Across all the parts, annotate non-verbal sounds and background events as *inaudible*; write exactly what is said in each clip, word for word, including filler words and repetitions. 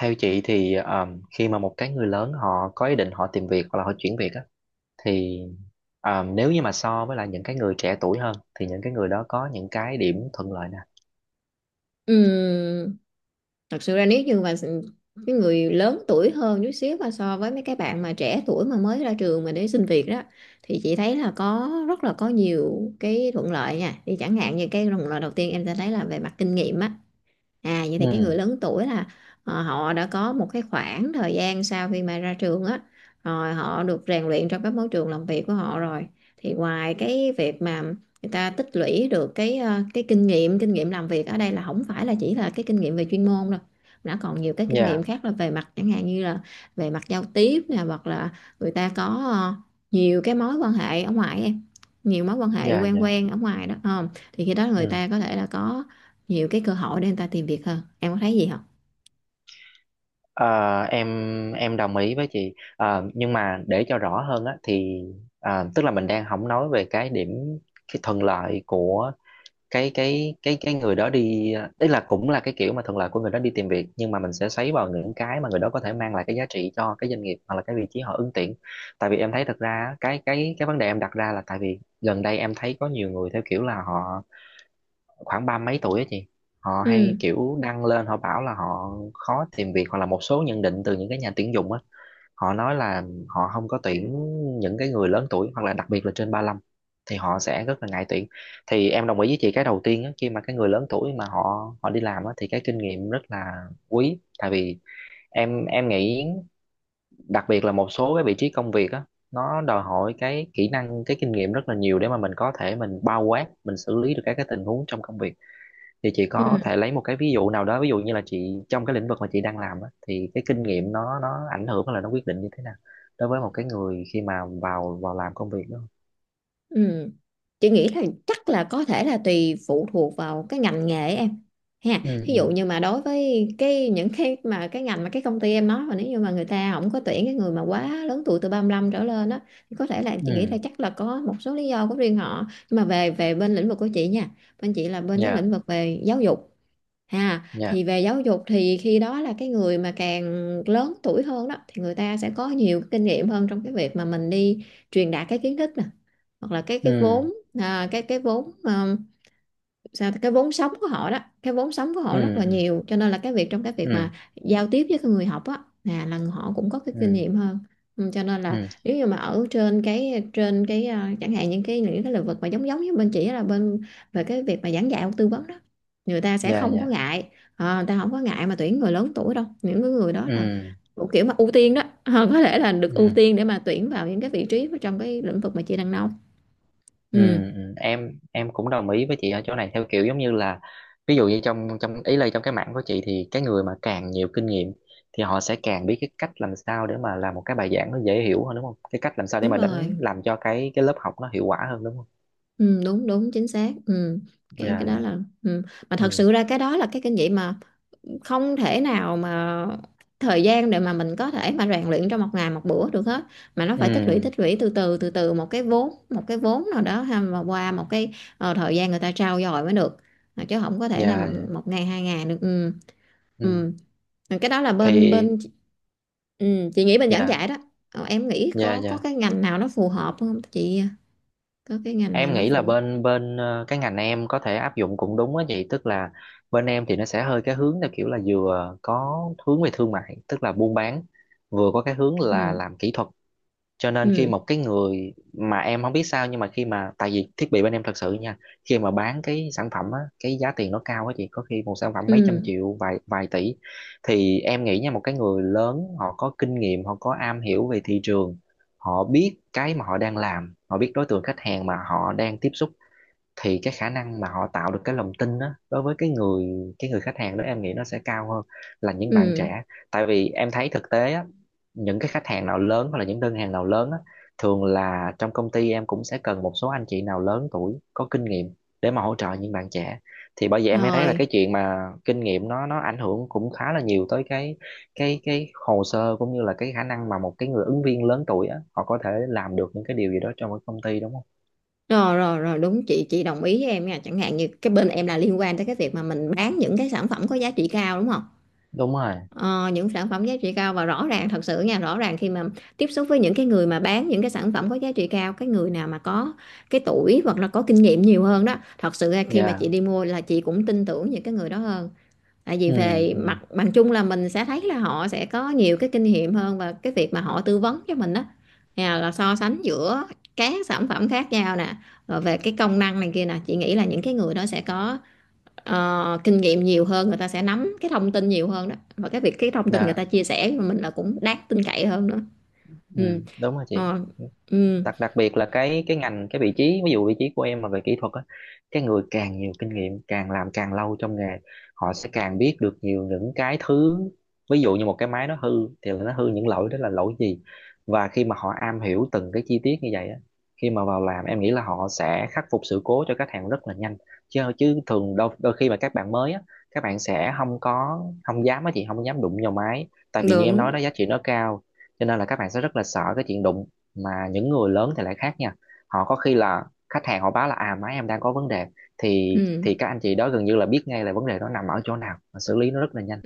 Theo chị thì um, khi mà một cái người lớn họ có ý định họ tìm việc hoặc là họ chuyển việc á thì um, nếu như mà so với lại những cái người trẻ tuổi hơn thì những cái người đó có những cái điểm thuận lợi nè. Ừm, Thật sự ra nếu như mà s- cái người lớn tuổi hơn chút xíu mà so với mấy cái bạn mà trẻ tuổi mà mới ra trường mà để xin việc đó, thì chị thấy là có rất là có nhiều cái thuận lợi nha. Thì chẳng hạn như cái thuận lợi đầu tiên em sẽ thấy là về mặt kinh nghiệm á. À, vậy thì cái người Ừ, lớn tuổi là ờ, họ đã có một cái khoảng thời gian sau khi mà ra trường á, rồi họ được rèn luyện trong các môi trường làm việc của họ rồi. Thì ngoài cái việc mà người ta tích lũy được cái ờ, cái kinh nghiệm kinh nghiệm làm việc, ở đây là không phải là chỉ là cái kinh nghiệm về chuyên môn đâu, đã còn nhiều cái kinh nghiệm dạ, khác là về mặt chẳng hạn như là về mặt giao tiếp nè, hoặc là người ta có ờ, nhiều cái mối quan hệ ở ngoài em, nhiều mối quan hệ dạ, quen dạ. quen ở ngoài đó. ờ, thì khi đó người Ừ. ta có thể là có nhiều cái cơ hội để người ta tìm việc hơn, em có thấy gì không? Ờ, em em đồng ý với chị. Ờ, nhưng mà để cho rõ hơn á thì à, tức là mình đang không nói về cái điểm cái thuận lợi của cái cái cái cái người đó đi, tức là cũng là cái kiểu mà thuận lợi của người đó đi tìm việc, nhưng mà mình sẽ xoáy vào những cái mà người đó có thể mang lại cái giá trị cho cái doanh nghiệp hoặc là cái vị trí họ ứng tuyển. Tại vì em thấy thật ra á, cái cái cái vấn đề em đặt ra là tại vì gần đây em thấy có nhiều người theo kiểu là họ khoảng ba mấy tuổi á chị, họ Ừ, hay kiểu đăng lên họ bảo là họ khó tìm việc hoặc là một số nhận định từ những cái nhà tuyển dụng á, họ nói là họ không có tuyển những cái người lớn tuổi hoặc là đặc biệt là trên ba lăm thì họ sẽ rất là ngại tuyển. Thì em đồng ý với chị cái đầu tiên á, khi mà cái người lớn tuổi mà họ họ đi làm á, thì cái kinh nghiệm rất là quý, tại vì em em nghĩ đặc biệt là một số cái vị trí công việc á, nó đòi hỏi cái kỹ năng cái kinh nghiệm rất là nhiều để mà mình có thể mình bao quát mình xử lý được các cái tình huống trong công việc. Thì chị có ừ, thể lấy một cái ví dụ nào đó, ví dụ như là chị trong cái lĩnh vực mà chị đang làm á, thì cái kinh nghiệm nó nó ảnh hưởng hay là nó quyết định như thế nào đối với một cái người khi mà vào vào làm công việc đó? ừ, chị nghĩ là chắc là có thể là tùy phụ thuộc vào cái ngành nghề em ha. Ừ, Thí dụ ừ, như mà đối với cái những cái mà cái ngành mà cái công ty em nói, mà nếu như mà người ta không có tuyển cái người mà quá lớn tuổi từ ba mươi lăm trở lên đó, thì có thể là chị nghĩ là ừ. chắc là có một số lý do của riêng họ. Nhưng mà về về bên lĩnh vực của chị nha, bên chị là bên cái Dạ, lĩnh vực về giáo dục ha. dạ. Thì về giáo dục thì khi đó là cái người mà càng lớn tuổi hơn đó, thì người ta sẽ có nhiều cái kinh nghiệm hơn trong cái việc mà mình đi truyền đạt cái kiến thức nè, hoặc là cái cái Ừ, vốn, à, cái cái vốn sao cái vốn sống của họ đó, cái vốn sống của ừ, họ rất là ừ, nhiều. Cho nên là cái việc, trong cái việc mà ừ, giao tiếp với cái người học á, là là họ cũng có cái kinh ừ, nghiệm hơn. Ừ, cho nên là ừ. nếu như mà ở trên cái trên cái à, chẳng hạn những cái những cái lĩnh vực mà giống giống với bên chỉ là bên về cái việc mà giảng dạy hoặc tư vấn đó, người ta sẽ Dạ, không có dạ. ngại. Ờ, người ta không có ngại mà tuyển người lớn tuổi đâu, những cái người đó là Ừ, thuộc kiểu mà ưu tiên đó. *laughs* Ờ, có thể là được ừ. ưu tiên để mà tuyển vào những cái vị trí trong cái lĩnh vực mà chị đang nông. Ừ, Ừ, ừ, em em cũng đồng ý với chị ở chỗ này, theo kiểu giống như là ví dụ như trong trong ý là trong cái mảng của chị thì cái người mà càng nhiều kinh nghiệm thì họ sẽ càng biết cái cách làm sao để mà làm một cái bài giảng nó dễ hiểu hơn đúng không? Cái cách làm sao để đúng mà rồi. đánh làm cho cái cái lớp học nó hiệu quả hơn đúng không? Ừ, đúng đúng chính xác, ừ. cái cái Dạ, đó dạ. là, ừ, mà thật Ừ. sự ra cái đó là cái kinh nghiệm mà không thể nào mà thời gian để mà mình có thể mà rèn luyện trong một ngày một bữa được hết, mà nó phải tích lũy Ừ, tích lũy từ từ từ từ một cái vốn một cái vốn nào đó ha, mà qua một cái ờ, thời gian người ta trau dồi mới được. Mà chứ không có thể nào mà dạ, dạ. một ngày hai ngày được, ừ. Ừ. Ừ. Cái đó là bên Thì bên ừ, chị nghĩ bên giảng dạ, dạy đó. Ờ, em nghĩ dạ, có có dạ. cái ngành nào nó phù hợp không chị, có cái ngành nào Em nó nghĩ là phù hợp? bên bên ờ, cái ngành em có thể áp dụng cũng đúng á chị, tức là bên em thì nó sẽ hơi cái hướng theo kiểu là vừa có hướng về thương mại, tức là buôn bán, vừa có cái hướng là Ừ, làm kỹ thuật. Cho nên khi ừ, một cái người mà em không biết sao nhưng mà khi mà tại vì thiết bị bên em thật sự nha, khi mà bán cái sản phẩm á cái giá tiền nó cao á chị, có khi một sản phẩm mấy trăm ừ, triệu vài vài tỷ. Thì em nghĩ nha, một cái người lớn họ có kinh nghiệm, họ có am hiểu về thị trường, họ biết cái mà họ đang làm, họ biết đối tượng khách hàng mà họ đang tiếp xúc, thì cái khả năng mà họ tạo được cái lòng tin đó đối với cái người cái người khách hàng đó em nghĩ nó sẽ cao hơn là những bạn ừ, trẻ. Tại vì em thấy thực tế á, những cái khách hàng nào lớn hoặc là những đơn hàng nào lớn á, thường là trong công ty em cũng sẽ cần một số anh chị nào lớn tuổi có kinh nghiệm để mà hỗ trợ những bạn trẻ. Thì bởi vậy em mới thấy là cái rồi, chuyện mà kinh nghiệm nó nó ảnh hưởng cũng khá là nhiều tới cái cái cái hồ sơ cũng như là cái khả năng mà một cái người ứng viên lớn tuổi á họ có thể làm được những cái điều gì đó trong một công ty đúng không? rồi, rồi, rồi, đúng chị, chị đồng ý với em nha. Chẳng hạn như cái bên em là liên quan tới cái việc mà mình bán những cái sản phẩm có giá trị cao, đúng không? Đúng rồi. Ờ, những sản phẩm giá trị cao và rõ ràng, thật sự nha, rõ ràng khi mà tiếp xúc với những cái người mà bán những cái sản phẩm có giá trị cao, cái người nào mà có cái tuổi hoặc là có kinh nghiệm nhiều hơn đó, thật sự ra khi mà chị Dạ. đi mua là chị cũng tin tưởng những cái người đó hơn. Tại vì Ừ, về mặt ừ. bằng chung là mình sẽ thấy là họ sẽ có nhiều cái kinh nghiệm hơn, và cái việc mà họ tư vấn cho mình đó, nhà là so sánh giữa các sản phẩm khác nhau nè, rồi về cái công năng này kia nè, chị nghĩ là những cái người đó sẽ có ờ, kinh nghiệm nhiều hơn, người ta sẽ nắm cái thông tin nhiều hơn đó, và cái việc cái thông tin người Dạ. ta chia sẻ với mình là cũng đáng tin cậy hơn nữa. Ừ, Ừ, đúng rồi chị. ờ, ừ, Đặc đặc biệt là cái cái ngành cái vị trí, ví dụ vị trí của em mà về kỹ thuật á, cái người càng nhiều kinh nghiệm càng làm càng lâu trong nghề họ sẽ càng biết được nhiều những cái thứ, ví dụ như một cái máy nó hư thì nó hư những lỗi đó là lỗi gì, và khi mà họ am hiểu từng cái chi tiết như vậy á, khi mà vào làm em nghĩ là họ sẽ khắc phục sự cố cho khách hàng rất là nhanh. Chứ chứ thường đôi, đôi khi mà các bạn mới á, các bạn sẽ không có không dám á chị, không dám đụng vào máy tại vì như em nói đúng, đó giá trị nó cao. Cho nên là các bạn sẽ rất là sợ cái chuyện đụng, mà những người lớn thì lại khác nha, họ có khi là khách hàng họ báo là à máy em đang có vấn đề, thì ừ. thì các anh chị đó gần như là biết ngay là vấn đề đó nằm ở chỗ nào và xử lý nó rất là nhanh.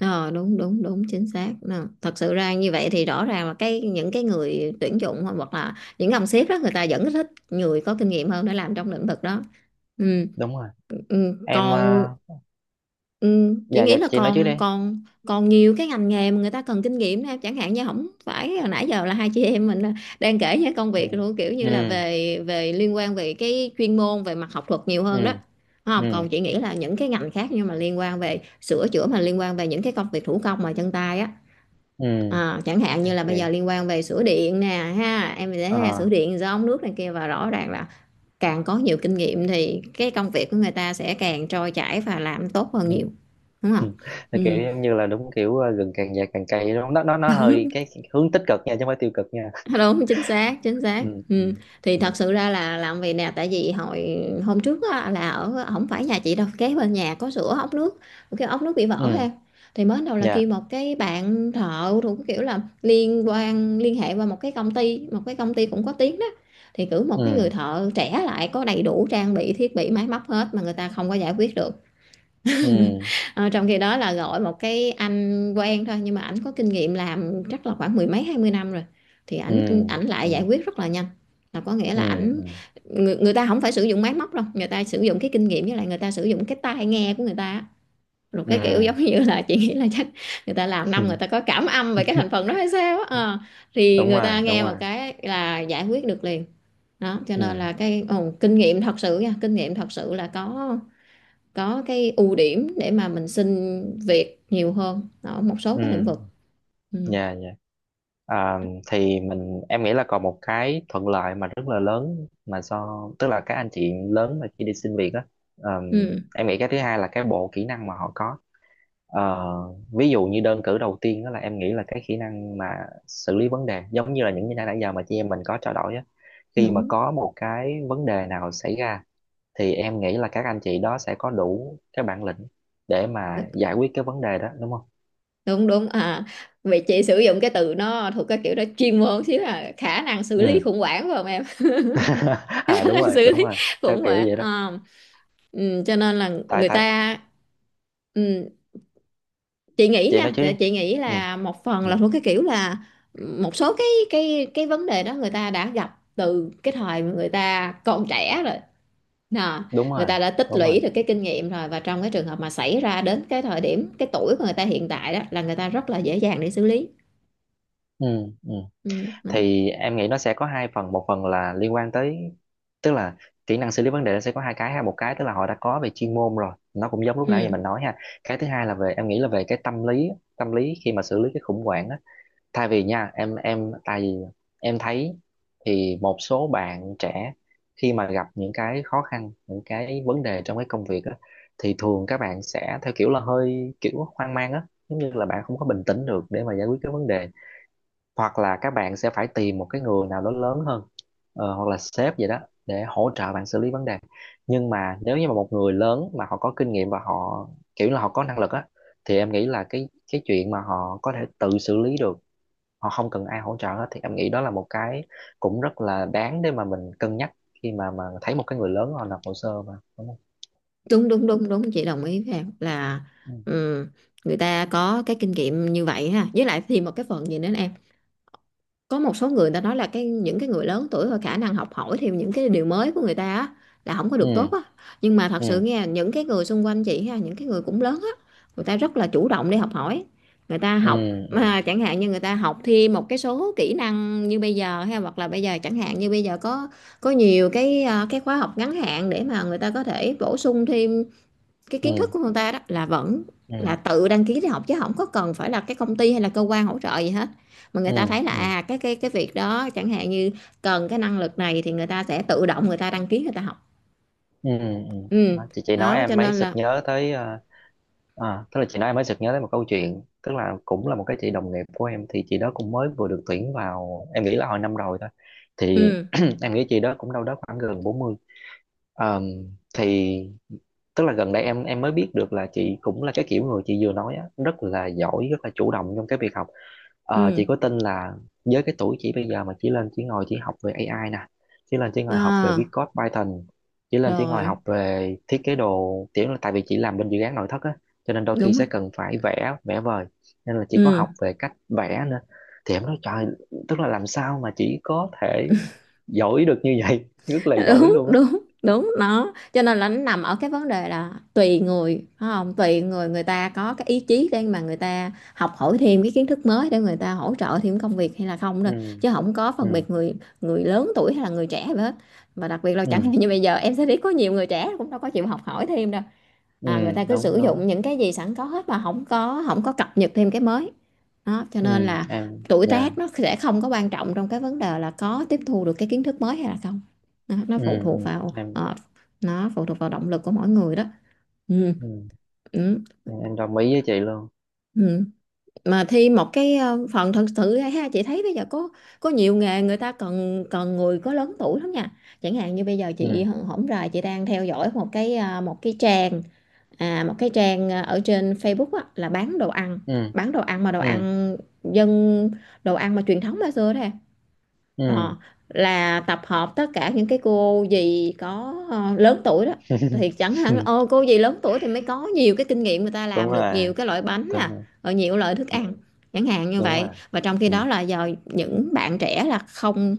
Ờ, đúng đúng đúng chính xác. Ờ, thật sự ra như vậy thì rõ ràng là cái những cái người tuyển dụng hoặc là những ông sếp đó, người ta vẫn thích người có kinh nghiệm hơn để làm trong lĩnh vực đó. Ừ, Đúng rồi. ừ, Em còn, ờ, ừ, chị dạ, nghĩ dạ là chị, nói trước còn đi. còn còn nhiều cái ngành nghề mà người ta cần kinh nghiệm đó em. Chẳng hạn như không phải hồi nãy giờ là hai chị em mình ờ, đang kể những công Ừ, việc luôn, kiểu như ừ, là về về liên quan về cái chuyên môn về mặt học thuật nhiều hơn đó, ừ, đúng không? ừ, Còn chị nghĩ là những cái ngành khác nhưng mà liên quan về sửa chữa, mà liên quan về những cái công việc thủ công mà chân tay á. ừ. Ờ, chẳng hạn Thì như là bây giờ kiểu liên quan về sửa điện nè ha, em thấy ờ ha, sửa điện do ống nước này kia, và rõ ràng là càng có nhiều kinh nghiệm thì cái công việc của người ta sẽ càng trôi chảy và làm tốt hơn ừ. nhiều, *laughs* đúng không? Thì Ừ. kiểu giống như là đúng kiểu ờ, gừng càng già càng cay đúng không? nó nó nó hơi cái hướng tích cực nha, chứ không phải tiêu cực nha. *laughs* Đúng, chính xác chính xác, Ừ, ừ, ừ. Thì ừ, thật sự ra là làm vì nè, tại vì hồi hôm trước á, là ở không phải nhà chị đâu, kế bên nhà có sửa ốc nước, cái ốc nước bị vỡ ừ. ha. Thì mới đầu là Dạ. kêu một cái bạn thợ thuộc kiểu là liên quan, liên hệ qua một cái công ty, một cái công ty cũng có tiếng đó, thì cử một cái người Ừ, thợ trẻ lại, có đầy đủ trang bị thiết bị máy móc hết mà người ta không có giải quyết được. ừ, Ờ, trong khi đó là gọi một cái anh quen thôi, nhưng mà ảnh có kinh nghiệm làm chắc là khoảng mười mấy hai mươi năm rồi, thì ừ, ảnh ảnh ừ, lại giải quyết rất là nhanh. Là có nghĩa ừ, là ảnh, ừ, người, người ta không phải sử dụng máy móc đâu, người ta sử dụng cái kinh nghiệm, với lại người ta sử dụng cái tai nghe của người ta á. Rồi ừ. cái kiểu giống như là chị nghĩ là chắc người ta làm Ừ, năm, người ta có cảm âm về cái *laughs* thành phần đó hay sao á. Ờ, thì đúng người rồi, ta đúng nghe một rồi. cái là giải quyết được liền. Đó, cho nên Ừ, là cái ồ, kinh nghiệm thật sự nha, kinh nghiệm thật sự là có có cái ưu điểm để mà mình xin việc nhiều hơn ở một số ừ. cái lĩnh vực. Ừ. Dạ, dạ. À, thì mình em nghĩ là còn một cái thuận lợi mà rất là lớn mà do, tức là các anh chị lớn mà khi đi xin việc á, ờ, Ừ. em nghĩ cái thứ hai là cái bộ kỹ năng mà họ có. Ờ, ví dụ như đơn cử đầu tiên đó là em nghĩ là cái kỹ năng mà xử lý vấn đề, giống như là những gì nãy nãy giờ mà chị em mình có trao đổi á, khi mà Đúng có một cái vấn đề nào xảy ra thì em nghĩ là các anh chị đó sẽ có đủ cái bản lĩnh để mà đúng giải quyết cái vấn đề đó đúng không? đúng à, vậy chị sử dụng cái từ nó thuộc cái kiểu đó, chuyên môn xíu, là khả năng xử lý Ừ. khủng hoảng, phải không em? *laughs* *laughs* À, Khả đúng năng rồi, xử đúng lý rồi, theo khủng kiểu hoảng. vậy đó. Ờ. Ừ, cho nên là tại người tại ta, ừ, chị nghĩ chị nói nha, chứ thì đi. chị nghĩ Ừ, là một phần ừ, là thuộc cái kiểu là một số cái cái cái vấn đề đó người ta đã gặp từ cái thời mà người ta còn trẻ rồi. Nà, đúng người rồi, ta đã tích đúng rồi. lũy được cái kinh nghiệm rồi, và trong cái trường hợp mà xảy ra đến cái thời điểm cái tuổi của người ta hiện tại đó, là người ta rất là dễ dàng để xử lý. Ừ, ừ. Ừ, đó. Thì em nghĩ nó sẽ có hai phần, một phần là liên quan tới, tức là kỹ năng xử lý vấn đề nó sẽ có hai cái ha, một cái tức là họ đã có về chuyên môn rồi, nó cũng giống lúc nãy giờ Ừ. mình nói ha, cái thứ hai là về em nghĩ là về cái tâm lý, tâm lý khi mà xử lý cái khủng hoảng á. Thay vì nha em em tại vì em thấy thì một số bạn trẻ khi mà gặp những cái khó khăn những cái vấn đề trong cái công việc á thì thường các bạn sẽ theo kiểu là hơi kiểu hoang mang á, giống như là bạn không có bình tĩnh được để mà giải quyết cái vấn đề, hoặc là các bạn sẽ phải tìm một cái người nào đó lớn hơn, ờ, hoặc là sếp vậy đó, để hỗ trợ bạn xử lý vấn đề. Nhưng mà nếu như mà một người lớn mà họ có kinh nghiệm và họ kiểu là họ có năng lực á thì em nghĩ là cái cái chuyện mà họ có thể tự xử lý được, họ không cần ai hỗ trợ hết, thì em nghĩ đó là một cái cũng rất là đáng để mà mình cân nhắc khi mà mà thấy một cái người lớn họ nộp hồ sơ mà đúng không? đúng đúng đúng đúng chị đồng ý với em là, Ừ, ừ, người ta có cái kinh nghiệm như vậy ha, với lại thì một cái phần gì nữa, có một số người ta nói là cái những cái người lớn tuổi và khả năng học hỏi thêm những cái điều mới của người ta á là không có được tốt ừ, á. Nhưng mà thật sự ừ, nghe những cái người xung quanh chị ha, những cái người cũng lớn á, người ta rất là chủ động để học hỏi. Người ta học ừ, à, chẳng hạn như người ta học thêm một cái số kỹ năng như bây giờ ha, hoặc là bây giờ chẳng hạn như bây giờ có có nhiều cái, à, cái khóa học ngắn hạn để mà người ta có thể bổ sung thêm cái kiến thức ừ, của người ta đó, là vẫn ừ, là ừ, tự đăng ký để học, chứ không có cần phải là cái công ty hay là cơ quan hỗ trợ gì hết. Mà người ta thấy là ừ, à cái cái cái việc đó chẳng hạn như cần cái năng lực này, thì người ta sẽ tự động người ta đăng ký người ta học. ừ, ừ, ừ. Ừ, Đó, chị chị nói đó cho em mới nên sực là nhớ tới ờ, à, tức là chị nói em mới sực nhớ tới một câu chuyện, tức là cũng là một cái chị đồng nghiệp của em thì chị đó cũng mới vừa được tuyển vào em nghĩ là hồi năm rồi thôi. Thì ừ *clears throat* em nghĩ chị đó cũng đâu đó khoảng gần bốn mươi. Ờm, thì tức là gần đây em em mới biết được là chị cũng là cái kiểu người chị vừa nói á, rất là giỏi, rất là chủ động trong cái việc học. Ờ, ừ, chị có tin là với cái tuổi chị bây giờ mà chỉ lên chỉ ngồi chỉ học về a i nè, chỉ lên chỉ ngồi học về viết à, code Python, chỉ lên chỉ ngồi rồi học về thiết kế đồ, kiểu là tại vì chị làm bên dự án nội thất á, cho nên đôi khi đúng á. sẽ cần phải vẽ, vẽ vời. Nên là chị có học Ừ về cách vẽ nữa. Thì em nói trời, tức là làm sao mà chị có thể giỏi được như vậy, *laughs* rất *laughs* là giỏi đúng luôn á. đúng đúng, nó cho nên là nó nằm ở cái vấn đề là tùy người, phải không, tùy người người ta có cái ý chí để mà người ta học hỏi thêm cái kiến thức mới để người ta hỗ trợ thêm công việc hay là không thôi, Ừ, chứ không có phân ừ, biệt người người lớn tuổi hay là người trẻ gì hết. Mà đặc biệt là chẳng hạn ừ, như bây giờ em sẽ thấy có nhiều người trẻ cũng đâu có chịu học hỏi thêm đâu. ừ, à, Người ta cứ sử đúng, đúng. dụng những cái gì sẵn có hết, mà không có không có cập nhật thêm cái mới. Đó cho nên Ừ là em. tuổi Dạ. tác nó sẽ không có quan trọng trong cái vấn đề là có tiếp thu được cái kiến thức mới hay là không. Nó, nó Ừ, phụ ừ thuộc vào em. ờ, nó phụ thuộc vào động lực của mỗi người đó. Ừ, Ừ, ừ, em em đồng ý với chị luôn. ừ. Mà thi một cái ờ, phần thật sự ra ha, chị thấy bây giờ có có nhiều nghề người ta cần cần người có lớn tuổi lắm nha. Chẳng hạn như bây giờ chị Ừ, hổng rày chị đang theo dõi một cái, à, một cái trang. À, một cái trang, ờ, ở trên Facebook á, là bán đồ ăn, ừ, bán đồ ăn mà đồ ừ, ăn dân đồ ăn mà truyền thống ngày xưa đó em. Ờ, ừ. là tập hợp tất cả những cái cô dì có ờ, lớn tuổi đó. Thì *laughs* chẳng hạn ô cô dì lớn tuổi thì mới có nhiều cái kinh nghiệm, người ta Đúng làm được rồi, nhiều cái loại bánh đúng nè, rồi. rồi nhiều loại thức Ừ, ăn. Chẳng hạn như đúng rồi. vậy. Và trong khi Ừ. đó là giờ những bạn trẻ là không,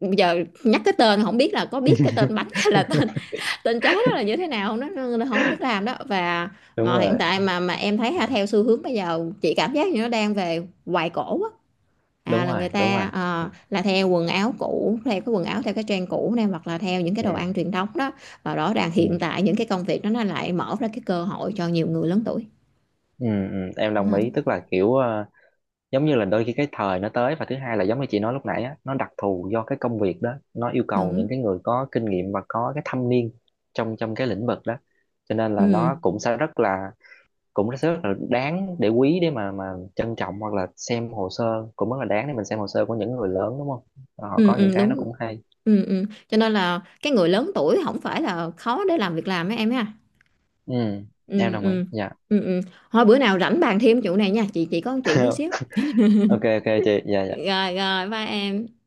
giờ nhắc cái tên không biết là có biết cái tên bánh *laughs* hay là tên tình trái đó là như thế nào, nó, nó, nó không có biết làm đó. Và Đúng mà hiện rồi. tại mà mà em thấy Ừ, ha, theo xu hướng bây giờ chị cảm giác như nó đang về hoài cổ á. À đúng là rồi, người đúng rồi. ta Ừ, ờ, là theo quần áo cũ, theo cái quần áo theo cái trend cũ này, hoặc là theo những cái đồ ăn ừ, truyền thống đó. Và rõ ràng ừ, hiện tại những cái công việc đó nó lại mở ra cái cơ hội cho nhiều người lớn tuổi, ừ, ừ, em đúng đồng ý, không? tức là kiểu ờ, giống như là đôi khi cái thời nó tới và thứ hai là giống như chị nói lúc nãy á nó đặc thù do cái công việc đó nó yêu cầu Đúng, những cái người có kinh nghiệm và có cái thâm niên trong trong cái lĩnh vực đó. Cho nên là ừ nó cũng sẽ rất là cũng rất là đáng để quý để mà mà trân trọng, hoặc là xem hồ sơ cũng rất là đáng để mình xem hồ sơ của những người lớn đúng không, họ ừ, có ừ những cái nó đúng, cũng hay. ừ, ừ. Cho nên là cái người lớn tuổi không phải là khó để làm việc làm ấy em ha. Ừ, em Ừ đồng ý. ừ Dạ. ừ ừ, thôi bữa nào rảnh bàn thêm chỗ này nha, chị chị có một chuyện tí *laughs* xíu. Ok, ok chị. Dạ, dạ. Rồi rồi ba em.